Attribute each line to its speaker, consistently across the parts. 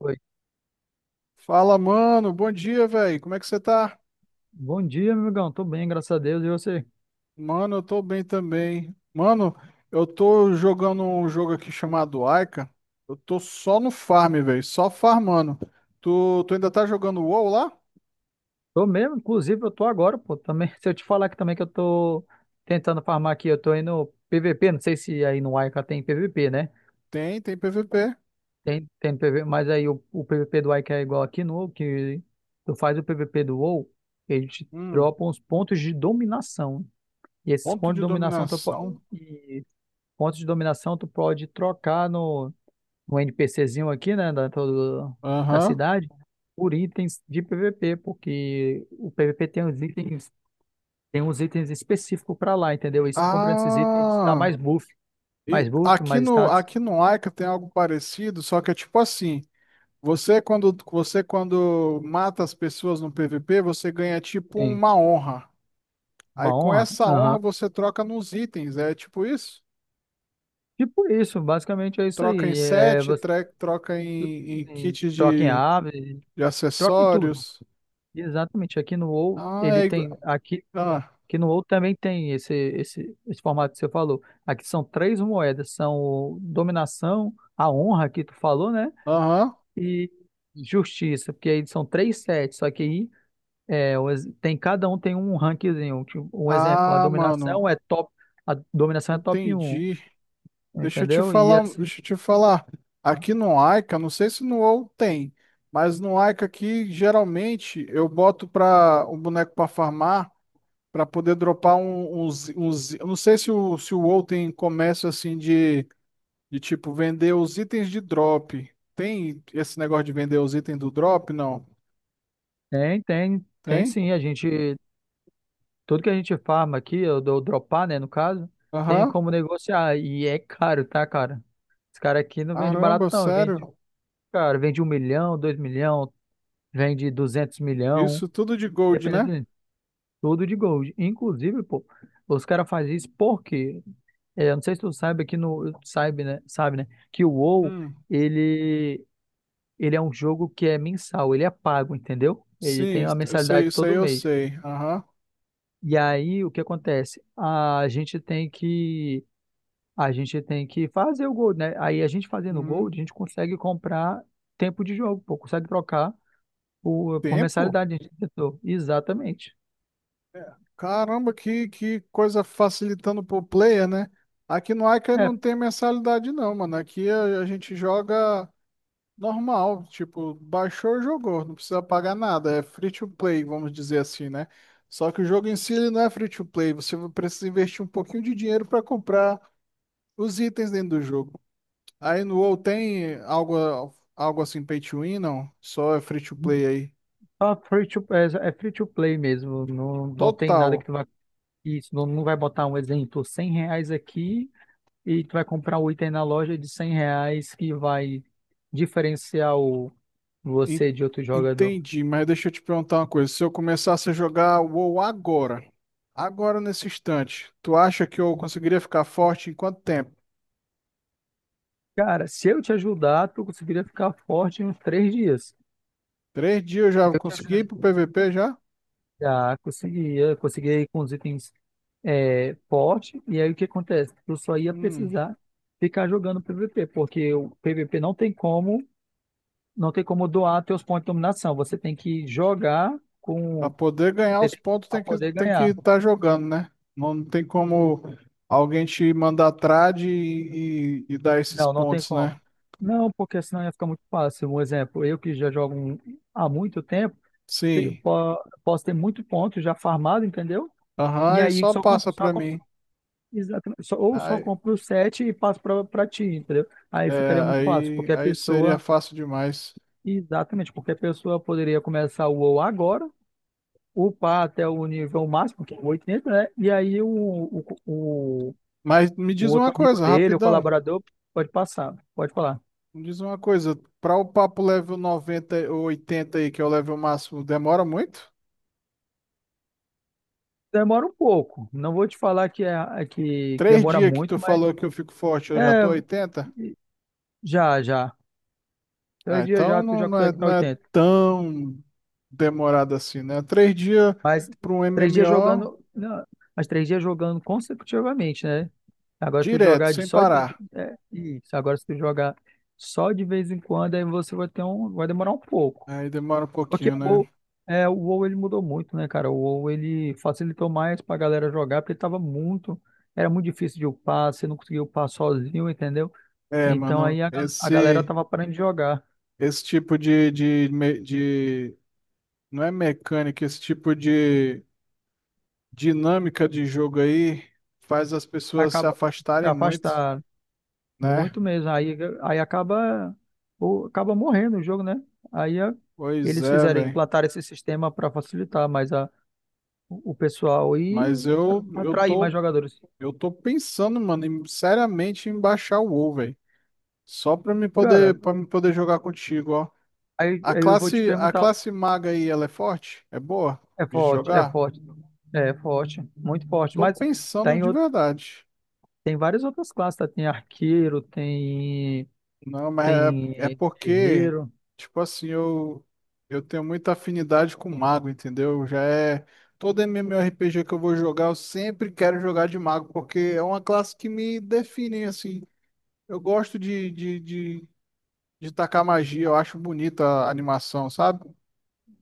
Speaker 1: Oi.
Speaker 2: Fala, mano. Bom dia, velho. Como é que você tá?
Speaker 1: Bom dia, meu amigão. Tô bem, graças a Deus. E você?
Speaker 2: Mano, eu tô bem também. Mano, eu tô jogando um jogo aqui chamado Aika. Eu tô só no farm, velho. Só farmando. Tu ainda tá jogando WoW lá?
Speaker 1: Tô mesmo, inclusive, eu tô agora, pô. Também, se eu te falar que também que eu tô tentando farmar aqui, eu tô indo PVP, não sei se aí no Ica tem PVP, né?
Speaker 2: Tem PVP.
Speaker 1: Tem, tem PVP, mas aí o PVP do Ica é igual aqui no WoW, que tu faz o PVP do WoW, eles te
Speaker 2: Hum,
Speaker 1: dropam os pontos de dominação. E esses
Speaker 2: ponto
Speaker 1: pontos de
Speaker 2: de
Speaker 1: dominação, tu,
Speaker 2: dominação.
Speaker 1: po- e Pontos de dominação tu pode trocar no um NPCzinho aqui, né, da
Speaker 2: Aham.
Speaker 1: cidade, por itens de PVP, porque o PVP tem uns itens específicos para lá, entendeu? E se tu comprando esses itens, ele te dá
Speaker 2: Ah,
Speaker 1: mais buff,
Speaker 2: e
Speaker 1: mais buff,
Speaker 2: aqui
Speaker 1: mais
Speaker 2: no
Speaker 1: status.
Speaker 2: aqui no Aika tem algo parecido, só que é tipo assim, você quando mata as pessoas no PVP, você ganha tipo
Speaker 1: Sim,
Speaker 2: uma honra. Aí
Speaker 1: uma
Speaker 2: com
Speaker 1: honra.
Speaker 2: essa honra
Speaker 1: Aham.
Speaker 2: você troca nos itens, é tipo isso?
Speaker 1: Tipo isso, basicamente é isso
Speaker 2: Troca em
Speaker 1: aí. É,
Speaker 2: set,
Speaker 1: você
Speaker 2: troca em kit
Speaker 1: troca em
Speaker 2: de,
Speaker 1: ave,
Speaker 2: de
Speaker 1: troca em tudo.
Speaker 2: acessórios.
Speaker 1: Exatamente. Aqui no WoW,
Speaker 2: Ah,
Speaker 1: ele
Speaker 2: é
Speaker 1: tem
Speaker 2: igual.
Speaker 1: aqui
Speaker 2: Ah,
Speaker 1: que no ouro também tem esse formato que você falou. Aqui são três moedas, são o dominação, a honra que tu falou, né?
Speaker 2: aham.
Speaker 1: E justiça, porque aí são três sets, só que aí cada um tem um rankzinho. Tipo, um exemplo, a
Speaker 2: Ah, mano,
Speaker 1: dominação é top, a dominação é top um,
Speaker 2: entendi. Deixa eu te
Speaker 1: entendeu? E
Speaker 2: falar,
Speaker 1: assim,
Speaker 2: deixa eu te falar.
Speaker 1: ó,
Speaker 2: Aqui no Aika, não sei se no WoW tem, mas no Aika aqui geralmente eu boto para um boneco para farmar, para poder dropar uns, eu não sei se o WoW tem comércio assim de tipo, vender os itens de drop. Tem esse negócio de vender os itens do drop? Não.
Speaker 1: tem, tem, tem
Speaker 2: Tem?
Speaker 1: sim, a gente, tudo que a gente farma aqui, eu dou dropar, né, no caso, tem
Speaker 2: Aham.
Speaker 1: como negociar, e é caro, tá, cara? Esse cara aqui não vende barato
Speaker 2: Caramba,
Speaker 1: não, vende,
Speaker 2: sério?
Speaker 1: cara, vende 1 milhão, 2 milhão, vende 200 milhão,
Speaker 2: Isso tudo de gold, né?
Speaker 1: dependendo tudo de gold. Inclusive, pô, os caras fazem isso porque, eu não sei se tu sabe aqui no, sabe, né, que o WoW,
Speaker 2: Hum.
Speaker 1: ele, ele é um jogo que é mensal, ele é pago, entendeu? Ele
Speaker 2: Sim,
Speaker 1: tem uma
Speaker 2: isso eu sei,
Speaker 1: mensalidade
Speaker 2: isso aí
Speaker 1: todo
Speaker 2: eu
Speaker 1: mês.
Speaker 2: sei. Aham.
Speaker 1: E aí, o que acontece? A gente tem que fazer o gold, né? Aí a gente fazendo o
Speaker 2: Uhum.
Speaker 1: gold, a gente consegue comprar tempo de jogo, pô, consegue trocar por
Speaker 2: Tempo?
Speaker 1: mensalidade, diretor. Exatamente.
Speaker 2: Caramba, que coisa facilitando pro player, né? Aqui no Ica não
Speaker 1: É,
Speaker 2: tem mensalidade, não, mano. Aqui a gente joga. Normal, tipo, baixou, jogou, não precisa pagar nada, é free to play, vamos dizer assim, né? Só que o jogo em si ele não é free to play, você precisa investir um pouquinho de dinheiro para comprar os itens dentro do jogo. Aí no WoW tem algo assim pay to win, não? Só é free to play aí.
Speaker 1: só free to, é, é free to play mesmo. Não, não tem nada que
Speaker 2: Total.
Speaker 1: tu vai. Isso, não, não vai botar um exemplo, R$ 100 aqui e tu vai comprar um item na loja de R$ 100 que vai diferenciar
Speaker 2: En-
Speaker 1: você de outro jogador.
Speaker 2: Entendi, mas deixa eu te perguntar uma coisa. Se eu começasse a jogar WoW agora nesse instante, tu acha que eu conseguiria ficar forte em quanto tempo?
Speaker 1: Cara, se eu te ajudar, tu conseguiria ficar forte em uns 3 dias.
Speaker 2: 3 dias já
Speaker 1: Eu te
Speaker 2: consegui ir
Speaker 1: ajudaria.
Speaker 2: pro PVP já?
Speaker 1: Já conseguia, consegui com os itens forte, e aí o que acontece? Tu só ia
Speaker 2: Hum,
Speaker 1: precisar ficar jogando PVP, porque o PVP não tem como doar teus pontos de dominação.
Speaker 2: Pra poder ganhar
Speaker 1: Você
Speaker 2: os
Speaker 1: tem que
Speaker 2: pontos
Speaker 1: pra
Speaker 2: tem que
Speaker 1: poder
Speaker 2: tem que
Speaker 1: ganhar.
Speaker 2: estar jogando, né? Não tem como alguém te mandar trade e dar esses
Speaker 1: Não, não tem
Speaker 2: pontos, né?
Speaker 1: como. Não, porque senão ia ficar muito fácil. Um exemplo, eu que já jogo há muito tempo,
Speaker 2: Sim.
Speaker 1: posso ter muito ponto já farmado, entendeu?
Speaker 2: Aham,
Speaker 1: E
Speaker 2: aí
Speaker 1: aí
Speaker 2: só
Speaker 1: só compro,
Speaker 2: passa
Speaker 1: só
Speaker 2: pra
Speaker 1: compro,
Speaker 2: mim.
Speaker 1: exatamente, ou só
Speaker 2: Aí,
Speaker 1: compro o set e passo para ti, entendeu? Aí
Speaker 2: é,
Speaker 1: ficaria muito fácil,
Speaker 2: aí,
Speaker 1: porque a
Speaker 2: aí seria
Speaker 1: pessoa.
Speaker 2: fácil demais.
Speaker 1: Exatamente, porque a pessoa poderia começar o WoW agora, upar até o nível máximo, que é o 800, né? E aí o,
Speaker 2: Mas me
Speaker 1: o
Speaker 2: diz
Speaker 1: outro
Speaker 2: uma
Speaker 1: amigo
Speaker 2: coisa,
Speaker 1: dele, o
Speaker 2: rapidão.
Speaker 1: colaborador, pode passar, pode falar.
Speaker 2: Me diz uma coisa. Pra o papo level 90 ou 80 aí, que é o level máximo, demora muito?
Speaker 1: Demora um pouco, não vou te falar que
Speaker 2: Três
Speaker 1: demora
Speaker 2: dias que
Speaker 1: muito,
Speaker 2: tu
Speaker 1: mas
Speaker 2: falou que eu fico forte, eu já tô
Speaker 1: é,
Speaker 2: 80.
Speaker 1: já, já. Três
Speaker 2: Ah,
Speaker 1: dias
Speaker 2: então
Speaker 1: já tu
Speaker 2: não,
Speaker 1: já
Speaker 2: não é,
Speaker 1: consegue para.
Speaker 2: não é tão demorado assim, né? 3 dias
Speaker 1: Mas
Speaker 2: para um
Speaker 1: 3 dias
Speaker 2: MMO
Speaker 1: jogando, não, mas 3 dias jogando consecutivamente, né? Agora, se tu
Speaker 2: direto,
Speaker 1: jogar de
Speaker 2: sem
Speaker 1: só de vez,
Speaker 2: parar.
Speaker 1: é, isso. Agora, se tu jogar só de vez em quando, aí você vai demorar um pouco.
Speaker 2: Aí demora um
Speaker 1: Porque
Speaker 2: pouquinho, né?
Speaker 1: O WoW ele mudou muito, né, cara? O WoW ele facilitou mais pra galera jogar, porque era muito difícil de upar, você não conseguia upar sozinho, entendeu?
Speaker 2: É,
Speaker 1: Então
Speaker 2: mano,
Speaker 1: aí a galera
Speaker 2: esse,
Speaker 1: tava parando de jogar,
Speaker 2: esse tipo de. Não é mecânica, esse tipo de dinâmica de jogo aí faz as pessoas se
Speaker 1: acaba se
Speaker 2: afastarem muito,
Speaker 1: afastar.
Speaker 2: né?
Speaker 1: Muito mesmo. Aí, acaba morrendo o jogo, né? Aí a-
Speaker 2: Pois
Speaker 1: Eles
Speaker 2: é,
Speaker 1: fizeram,
Speaker 2: velho.
Speaker 1: implantaram esse sistema para facilitar mais a, o pessoal e
Speaker 2: Mas eu, eu
Speaker 1: atrair mais
Speaker 2: tô,
Speaker 1: jogadores.
Speaker 2: eu tô pensando, mano, seriamente em baixar o WoW, velho. Só pra me
Speaker 1: Cara,
Speaker 2: poder, para me poder jogar contigo, ó.
Speaker 1: aí,
Speaker 2: A
Speaker 1: aí eu vou te
Speaker 2: classe, a
Speaker 1: perguntar,
Speaker 2: classe maga aí, ela é forte? É boa
Speaker 1: é
Speaker 2: de
Speaker 1: forte, é
Speaker 2: jogar?
Speaker 1: forte, é forte, muito
Speaker 2: Eu
Speaker 1: forte,
Speaker 2: tô
Speaker 1: mas
Speaker 2: pensando
Speaker 1: tem,
Speaker 2: de
Speaker 1: out-
Speaker 2: verdade.
Speaker 1: tem várias outras classes, tá? Tem arqueiro, tem,
Speaker 2: Não, mas é
Speaker 1: tem
Speaker 2: porque,
Speaker 1: guerreiro,
Speaker 2: tipo assim, eu tenho muita afinidade com mago, entendeu? Já é. Todo MMORPG que eu vou jogar, eu sempre quero jogar de mago, porque é uma classe que me define, assim. Eu gosto de tacar magia, eu acho bonita a animação, sabe?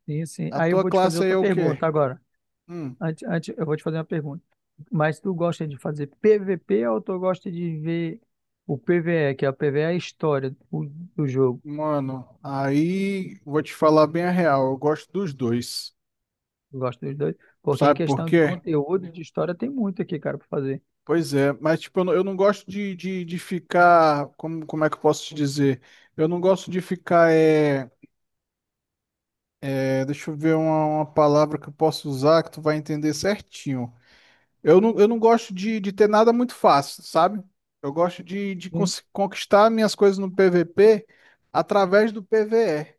Speaker 1: sim, sim.
Speaker 2: A
Speaker 1: Aí eu
Speaker 2: tua
Speaker 1: vou te fazer
Speaker 2: classe aí
Speaker 1: outra
Speaker 2: é o quê?
Speaker 1: pergunta agora.
Speaker 2: Hum.
Speaker 1: Antes, antes, eu vou te fazer uma pergunta. Mas tu gosta de fazer PVP ou tu gosta de ver o PVE, que é o PVE é a história do jogo?
Speaker 2: Mano, aí vou te falar bem a real, eu gosto dos dois.
Speaker 1: Tu gosta dos dois? Porque em
Speaker 2: Sabe por
Speaker 1: questão de
Speaker 2: quê?
Speaker 1: conteúdo, de história, tem muito aqui, cara, pra fazer.
Speaker 2: Pois é, mas tipo, eu não gosto de ficar, como é que eu posso te dizer? Eu não gosto de ficar, deixa eu ver uma palavra que eu posso usar que tu vai entender certinho. Eu não gosto de ter nada muito fácil, sabe? Eu gosto de, de
Speaker 1: Sim.
Speaker 2: cons- conquistar minhas coisas no PVP através do PVE.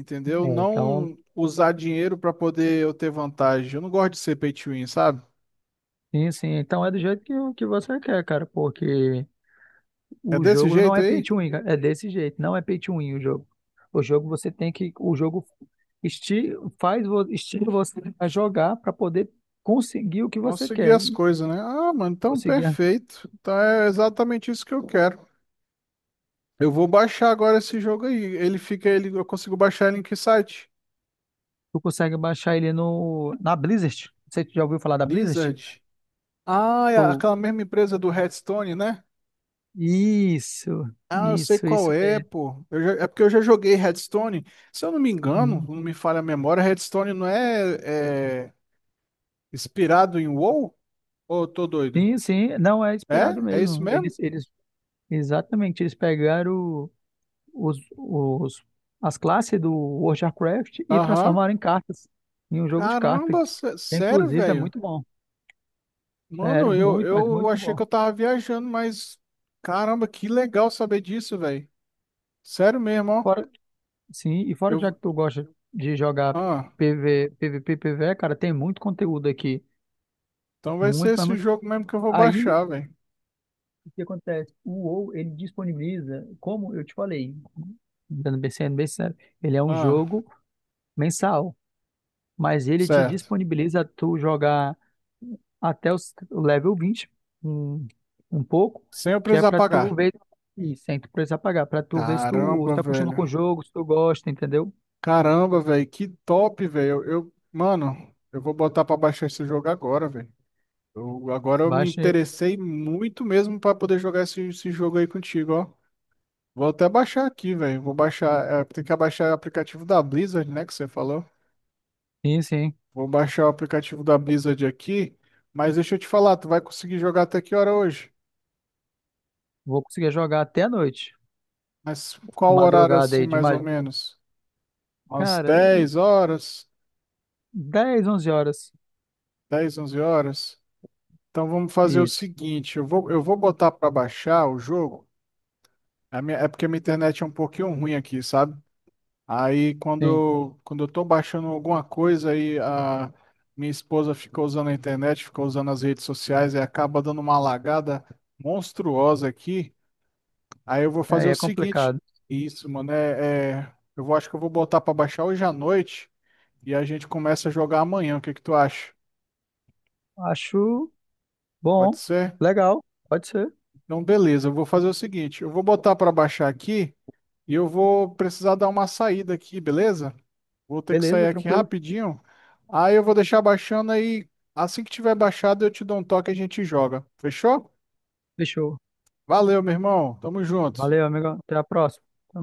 Speaker 2: Entendeu?
Speaker 1: É, então,
Speaker 2: Não usar dinheiro para poder eu ter vantagem. Eu não gosto de ser pay to win, sabe?
Speaker 1: sim, sim. Então é do jeito que você quer, cara, porque
Speaker 2: É
Speaker 1: o
Speaker 2: desse
Speaker 1: jogo não
Speaker 2: jeito
Speaker 1: é pay
Speaker 2: aí?
Speaker 1: to win, cara. É desse jeito, não é pay to win o jogo. O jogo você tem que, o jogo esti faz, vo- estimula você a jogar para poder conseguir o que você
Speaker 2: Conseguir
Speaker 1: quer.
Speaker 2: as
Speaker 1: E
Speaker 2: coisas, né? Ah, mano, então
Speaker 1: conseguir
Speaker 2: perfeito. Então é exatamente isso que eu quero. Eu vou baixar agora esse jogo aí. Eu consigo baixar ele em que site?
Speaker 1: Tu consegue baixar ele na Blizzard. Não sei se tu já ouviu falar da Blizzard.
Speaker 2: Blizzard. Ah, é
Speaker 1: Pô,
Speaker 2: aquela mesma empresa do Hearthstone, né?
Speaker 1: isso,
Speaker 2: Ah, eu sei
Speaker 1: isso,
Speaker 2: qual
Speaker 1: isso
Speaker 2: é,
Speaker 1: mesmo.
Speaker 2: pô. É porque eu já joguei Hearthstone. Se eu não me engano,
Speaker 1: Uhum.
Speaker 2: não me falha a memória, Hearthstone não é, é inspirado em WoW? Ô, tô doido.
Speaker 1: Sim, sim, não é inspirado
Speaker 2: É? É isso
Speaker 1: mesmo.
Speaker 2: mesmo?
Speaker 1: Exatamente, eles pegaram os, os, as classes do World of Warcraft e
Speaker 2: Aham.
Speaker 1: transformaram em cartas, em um jogo de cartas,
Speaker 2: Caramba,
Speaker 1: que
Speaker 2: sério,
Speaker 1: inclusive é
Speaker 2: velho?
Speaker 1: muito bom. Sério,
Speaker 2: Mano, eu,
Speaker 1: muito, mas
Speaker 2: eu
Speaker 1: muito
Speaker 2: achei
Speaker 1: bom.
Speaker 2: que eu tava viajando, mas caramba, que legal saber disso, velho. Sério mesmo, ó.
Speaker 1: Fora, sim, e fora que já
Speaker 2: Eu...
Speaker 1: que tu gosta de jogar
Speaker 2: Ah,
Speaker 1: PV, PVP, PVE, cara, tem muito conteúdo aqui.
Speaker 2: então vai ser
Speaker 1: Muito, mas
Speaker 2: esse
Speaker 1: muito.
Speaker 2: jogo mesmo que eu vou
Speaker 1: Aí
Speaker 2: baixar, velho.
Speaker 1: o que acontece? O WoW, ele disponibiliza, como eu te falei, Dando bem sendo bem sério, ele é um
Speaker 2: Ah,
Speaker 1: jogo mensal, mas ele te
Speaker 2: certo.
Speaker 1: disponibiliza tu jogar até o level 21, um pouco,
Speaker 2: Sem eu
Speaker 1: que é
Speaker 2: precisar
Speaker 1: pra tu
Speaker 2: pagar.
Speaker 1: ver e sem tu precisar pagar, pra tu ver se tu
Speaker 2: Caramba,
Speaker 1: acostuma
Speaker 2: velho.
Speaker 1: com o jogo, se tu gosta, entendeu?
Speaker 2: Caramba, velho, que top, velho. Mano, eu vou botar pra baixar esse jogo agora, velho. Agora eu me
Speaker 1: Baixa,
Speaker 2: interessei muito mesmo pra poder jogar esse jogo aí contigo, ó. Vou até baixar aqui, velho. Vou baixar. Tem que abaixar o aplicativo da Blizzard, né? Que você falou.
Speaker 1: sim, sim,
Speaker 2: Vou baixar o aplicativo da Blizzard aqui. Mas deixa eu te falar, tu vai conseguir jogar até que hora hoje?
Speaker 1: vou conseguir jogar até a noite,
Speaker 2: Mas qual horário
Speaker 1: madrugada
Speaker 2: assim,
Speaker 1: aí, de
Speaker 2: mais ou
Speaker 1: mais
Speaker 2: menos? Umas
Speaker 1: cara,
Speaker 2: 10 horas?
Speaker 1: 10-11 horas,
Speaker 2: 10, 11 horas? Então vamos fazer o
Speaker 1: isso,
Speaker 2: seguinte: eu vou botar pra baixar o jogo. É porque a minha internet é um pouquinho ruim aqui, sabe? Aí quando
Speaker 1: sim,
Speaker 2: eu, quando eu tô baixando alguma coisa aí a minha esposa ficou usando a internet, ficou usando as redes sociais e acaba dando uma lagada monstruosa aqui. Aí eu vou
Speaker 1: aí
Speaker 2: fazer o
Speaker 1: é
Speaker 2: seguinte,
Speaker 1: complicado.
Speaker 2: isso, mano, acho que eu vou botar pra baixar hoje à noite e a gente começa a jogar amanhã. O que que tu acha?
Speaker 1: Acho
Speaker 2: Pode
Speaker 1: bom,
Speaker 2: ser?
Speaker 1: legal, pode ser.
Speaker 2: Então, beleza, eu vou fazer o seguinte, eu vou botar pra baixar aqui e eu vou precisar dar uma saída aqui, beleza? Vou ter que sair
Speaker 1: Beleza,
Speaker 2: aqui
Speaker 1: tranquilo.
Speaker 2: rapidinho. Aí eu vou deixar baixando aí. Assim que tiver baixado, eu te dou um toque e a gente joga. Fechou?
Speaker 1: Fechou.
Speaker 2: Valeu, meu irmão. Tamo junto.
Speaker 1: Valeu, amigo. Até a próxima.